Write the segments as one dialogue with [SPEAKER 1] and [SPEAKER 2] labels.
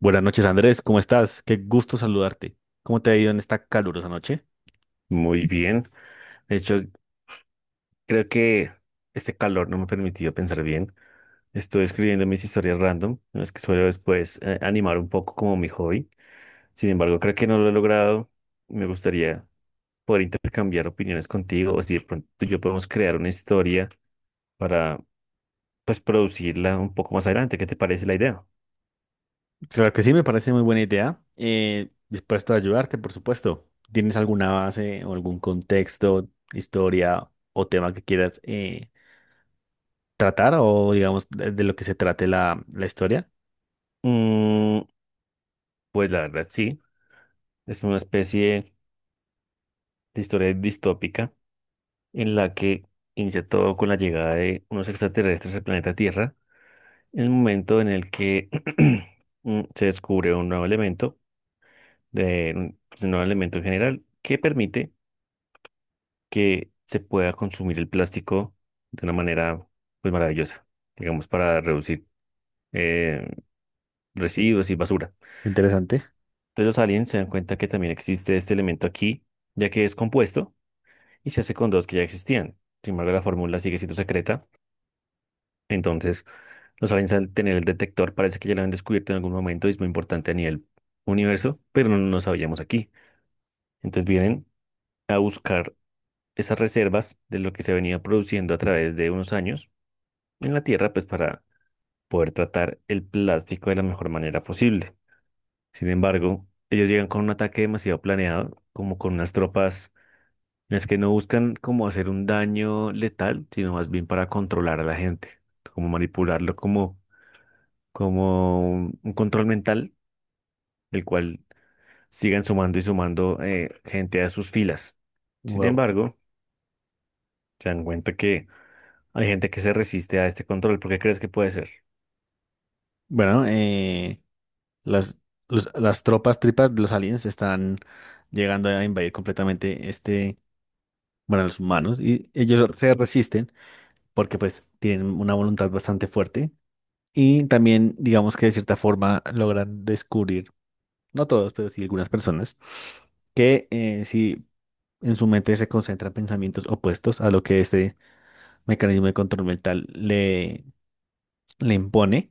[SPEAKER 1] Buenas noches, Andrés. ¿Cómo estás? Qué gusto saludarte. ¿Cómo te ha ido en esta calurosa noche?
[SPEAKER 2] Muy bien. De hecho, creo que este calor no me ha permitido pensar bien. Estoy escribiendo mis historias random, en las que suelo después animar un poco como mi hobby. Sin embargo, creo que no lo he logrado. Me gustaría poder intercambiar opiniones contigo o si de pronto tú y yo podemos crear una historia para pues producirla un poco más adelante. ¿Qué te parece la idea?
[SPEAKER 1] Claro que sí, me parece muy buena idea. Dispuesto a ayudarte, por supuesto. ¿Tienes alguna base o algún contexto, historia o tema que quieras tratar o, digamos, de lo que se trate la historia?
[SPEAKER 2] Mm, pues la verdad sí, es una especie de historia distópica en la que inicia todo con la llegada de unos extraterrestres al planeta Tierra el momento en el que se descubre un nuevo elemento, un pues, un nuevo elemento en general, que permite que se pueda consumir el plástico de una manera pues, maravillosa, digamos, para reducir eh,
[SPEAKER 1] Sí.
[SPEAKER 2] residuos y basura.
[SPEAKER 1] Interesante.
[SPEAKER 2] Entonces los aliens se dan cuenta que también existe este elemento aquí, ya que es compuesto y se hace con dos que ya existían. Sin embargo, la fórmula sigue siendo secreta, entonces los aliens al tener el detector parece que ya lo habían descubierto en algún momento y es muy importante a nivel universo, pero no lo sabíamos aquí. Entonces vienen a buscar esas reservas de lo que se venía produciendo a través de unos años en la Tierra, pues para poder tratar el plástico de la mejor manera posible. Sin embargo, ellos llegan con un ataque demasiado planeado, como con unas tropas en las que no buscan como hacer un daño letal, sino más bien para controlar a la gente, como manipularlo como, como un control mental el cual sigan sumando y sumando gente a sus filas. Sin
[SPEAKER 1] Wow.
[SPEAKER 2] embargo, se dan cuenta que hay gente que se resiste a este control. ¿Por qué crees que puede ser?
[SPEAKER 1] Bueno, las, las tropas tripas de los aliens están llegando a invadir completamente este, bueno, a los humanos y ellos se resisten porque pues tienen una voluntad bastante fuerte y también digamos que de cierta forma logran descubrir, no todos, pero sí algunas personas, que si en su mente se concentran pensamientos opuestos a lo que este mecanismo de control mental le impone,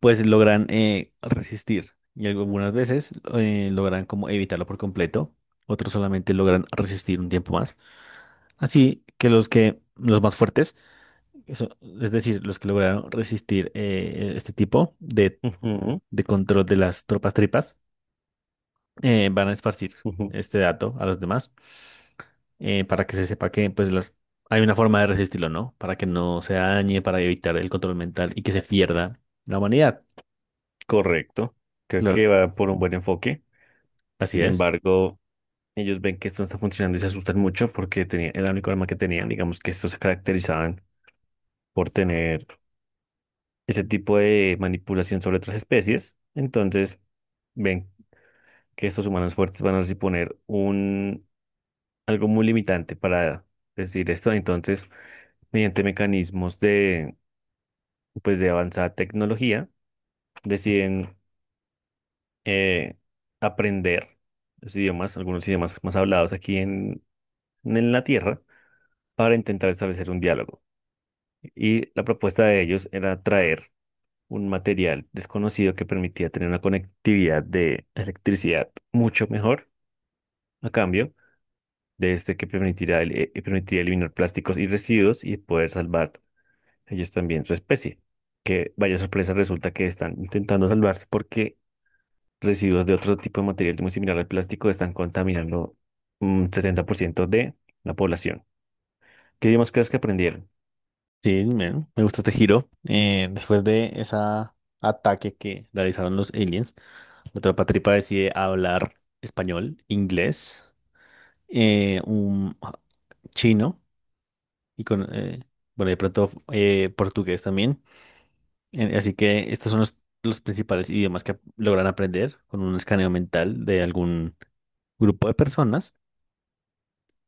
[SPEAKER 1] pues logran resistir y algunas veces logran como evitarlo por completo, otros solamente logran resistir un tiempo más. Así que los más fuertes, eso, es decir, los que lograron resistir este tipo
[SPEAKER 2] Ujú,
[SPEAKER 1] de control de las tropas tripas van a esparcir
[SPEAKER 2] ujú.
[SPEAKER 1] este dato a los demás para que se sepa que pues las hay una forma de resistirlo, ¿no? Para que no se dañe, para evitar el control mental y que se pierda la humanidad.
[SPEAKER 2] Correcto. Creo
[SPEAKER 1] Claro,
[SPEAKER 2] que va por un buen enfoque.
[SPEAKER 1] así
[SPEAKER 2] Sin
[SPEAKER 1] es.
[SPEAKER 2] embargo, ellos ven que esto no está funcionando y se asustan mucho porque tenía, era el único arma que tenían. Digamos que estos se caracterizaban por tener ese tipo de manipulación sobre otras especies. Entonces, ven que estos humanos fuertes van a suponer un, algo muy limitante para decir esto. Entonces, mediante mecanismos de, pues, de avanzada tecnología, deciden eh, aprender los idiomas, algunos idiomas más hablados aquí en la Tierra, para intentar establecer un diálogo. Y la propuesta de ellos era traer un material desconocido que permitía tener una conectividad de electricidad mucho mejor a cambio de este que permitirá, permitirá eliminar plásticos y residuos y poder salvar ellos también su especie. Que vaya sorpresa, resulta que están intentando salvarse porque residuos de otro tipo de material muy similar al plástico están contaminando un 70% de la población. ¿Qué idiomas crees que aprendieron?
[SPEAKER 1] Sí, me gusta este giro. Después de ese ataque que realizaron los aliens, la tropa tripa decide hablar español, inglés, un chino y con, bueno, de pronto portugués también. Así que estos son los principales idiomas que logran aprender con un escaneo mental de algún grupo de personas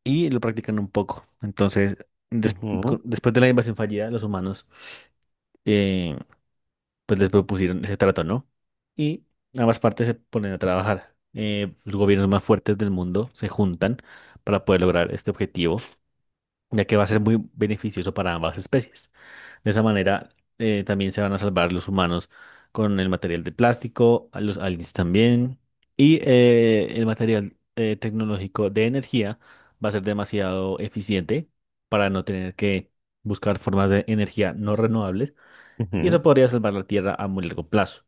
[SPEAKER 1] y lo practican un poco. Entonces, des-
[SPEAKER 2] Ujú,
[SPEAKER 1] después de la invasión fallida, los humanos eh, pues les propusieron ese trato, ¿no? Y ambas partes se ponen a trabajar. Los gobiernos más fuertes del mundo se juntan para poder lograr este objetivo ya que va a ser muy beneficioso para ambas especies. De esa manera, también se van a salvar los humanos con el material de plástico, a los aliens también, y el material tecnológico de energía va a ser demasiado eficiente para no tener que buscar formas de energía no renovables, y eso
[SPEAKER 2] ujú,
[SPEAKER 1] podría salvar la Tierra a muy largo plazo.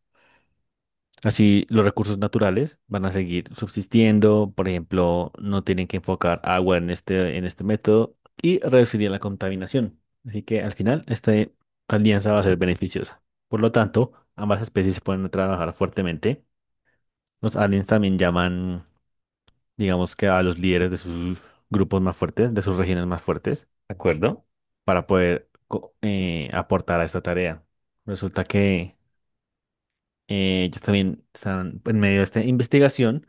[SPEAKER 1] Así los recursos naturales van a seguir subsistiendo, por ejemplo, no tienen que enfocar agua en en este método y reduciría la contaminación. Así que al final esta alianza va a ser beneficiosa. Por lo tanto, ambas especies se pueden trabajar fuertemente. Los aliens también llaman, digamos que a los líderes de sus grupos más fuertes, de sus regiones más fuertes,
[SPEAKER 2] ¿de acuerdo?
[SPEAKER 1] para poder aportar a esta tarea. Resulta que ellos también están en medio de esta investigación.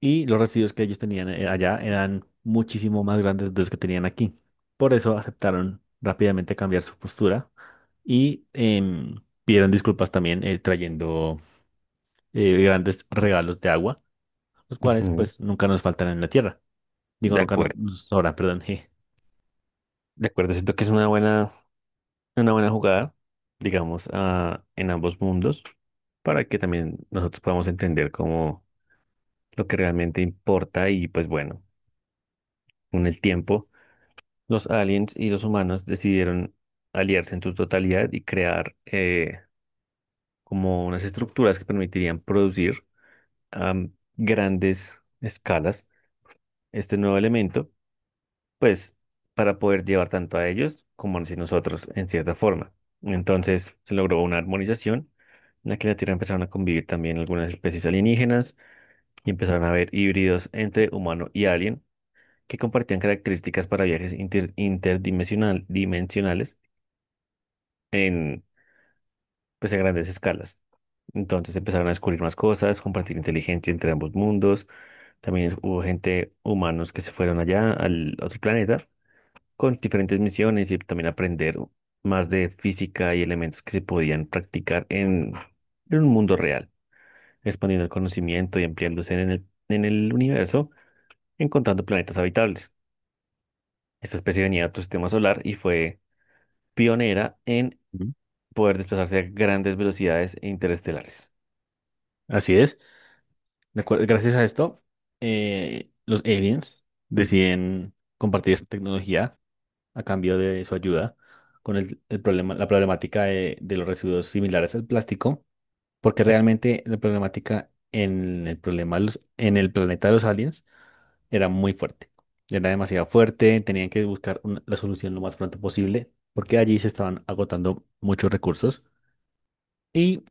[SPEAKER 1] Y los residuos que ellos tenían allá eran muchísimo más grandes de los que tenían aquí. Por eso aceptaron rápidamente cambiar su postura y pidieron disculpas también trayendo grandes regalos de agua, los cuales
[SPEAKER 2] Ujú,
[SPEAKER 1] pues nunca nos faltan en la tierra. Digo,
[SPEAKER 2] de
[SPEAKER 1] nunca nos,
[SPEAKER 2] acuerdo.
[SPEAKER 1] nos sobran, perdón, je.
[SPEAKER 2] De acuerdo, siento que es una buena jugada, digamos, ah, en ambos mundos, para que también nosotros podamos entender cómo lo que realmente importa y pues bueno, con el tiempo, los aliens y los humanos decidieron aliarse en su totalidad y crear como unas estructuras que permitirían producir a grandes escalas este nuevo elemento, pues para poder llevar tanto a ellos como a nosotros en cierta forma. Entonces se logró una armonización en la que en la Tierra empezaron a convivir también algunas especies alienígenas y empezaron a haber híbridos entre humano y alien que compartían características para viajes interdimensional, dimensionales en, pues, a grandes escalas. Entonces empezaron a descubrir más cosas, compartir inteligencia entre ambos mundos. También hubo gente, humanos que se fueron allá al otro planeta con diferentes misiones y también aprender más de física y elementos que se podían practicar en un mundo real, expandiendo el conocimiento y ampliándose en el universo, encontrando planetas habitables. Esta especie venía de otro sistema solar y fue pionera en
[SPEAKER 1] Ujú.
[SPEAKER 2] poder desplazarse a grandes velocidades e interestelares.
[SPEAKER 1] Así es. Gracias a esto, los aliens deciden compartir esta tecnología a cambio de su ayuda con el problema, la problemática de los residuos similares al plástico, porque realmente la problemática en el problema en el planeta de los aliens era muy fuerte. Era demasiado fuerte, tenían que buscar la solución lo más pronto posible, porque allí se estaban agotando muchos recursos y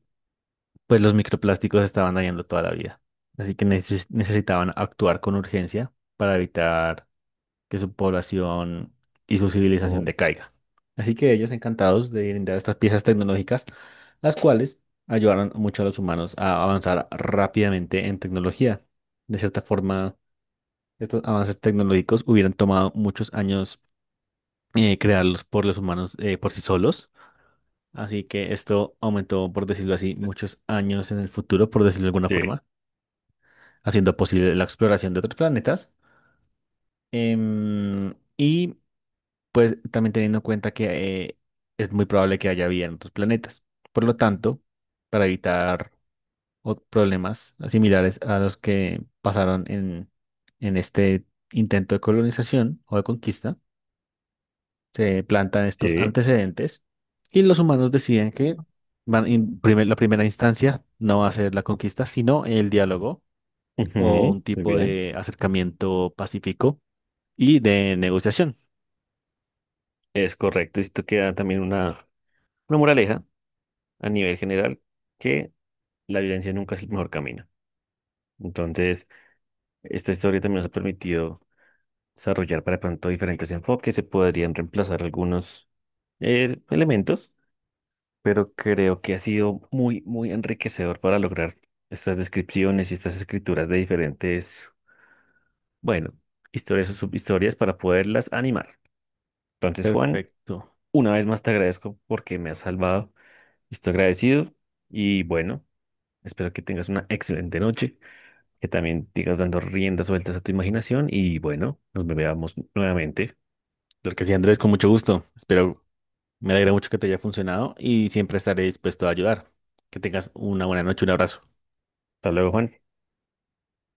[SPEAKER 1] pues los microplásticos estaban dañando toda la vida. Así que necesitaban actuar con urgencia para evitar que su población y su civilización
[SPEAKER 2] Oh,
[SPEAKER 1] decaiga. Así que ellos encantados de brindar estas piezas tecnológicas, las cuales ayudaron mucho a los humanos a avanzar rápidamente en tecnología. De cierta forma, estos avances tecnológicos hubieran tomado muchos años crearlos por los humanos por sí solos. Así que esto aumentó, por decirlo así, muchos años en el futuro, por decirlo de alguna
[SPEAKER 2] Sí,
[SPEAKER 1] forma, haciendo posible la exploración de otros planetas. Y pues también teniendo en cuenta que es muy probable que haya vida en otros planetas. Por lo tanto, para evitar problemas similares a los que pasaron en este intento de colonización o de conquista, se plantan estos
[SPEAKER 2] sí
[SPEAKER 1] antecedentes y los humanos deciden que van en la primera instancia no va a ser la conquista, sino el diálogo o
[SPEAKER 2] Ujú,
[SPEAKER 1] un
[SPEAKER 2] muy
[SPEAKER 1] tipo
[SPEAKER 2] bien.
[SPEAKER 1] de acercamiento pacífico y de negociación.
[SPEAKER 2] Es correcto. Y esto queda también una moraleja a nivel general, que la violencia nunca es el mejor camino. Entonces, esta historia también nos ha permitido desarrollar para pronto diferentes enfoques, se podrían reemplazar algunos elementos, pero creo que ha sido muy, muy enriquecedor para lograr estas descripciones y estas escrituras de diferentes bueno, historias o subhistorias para poderlas animar. Entonces, Juan,
[SPEAKER 1] Perfecto.
[SPEAKER 2] una vez más te agradezco porque me has salvado. Estoy agradecido y bueno, espero que tengas una excelente noche, que también sigas dando riendas sueltas a tu imaginación y bueno, nos veamos nuevamente.
[SPEAKER 1] Lo que sí, Andrés, con mucho gusto. Espero. Me alegra mucho que te haya funcionado y siempre estaré dispuesto a ayudar. Que tengas una buena noche, un abrazo.
[SPEAKER 2] Hasta luego, Juan.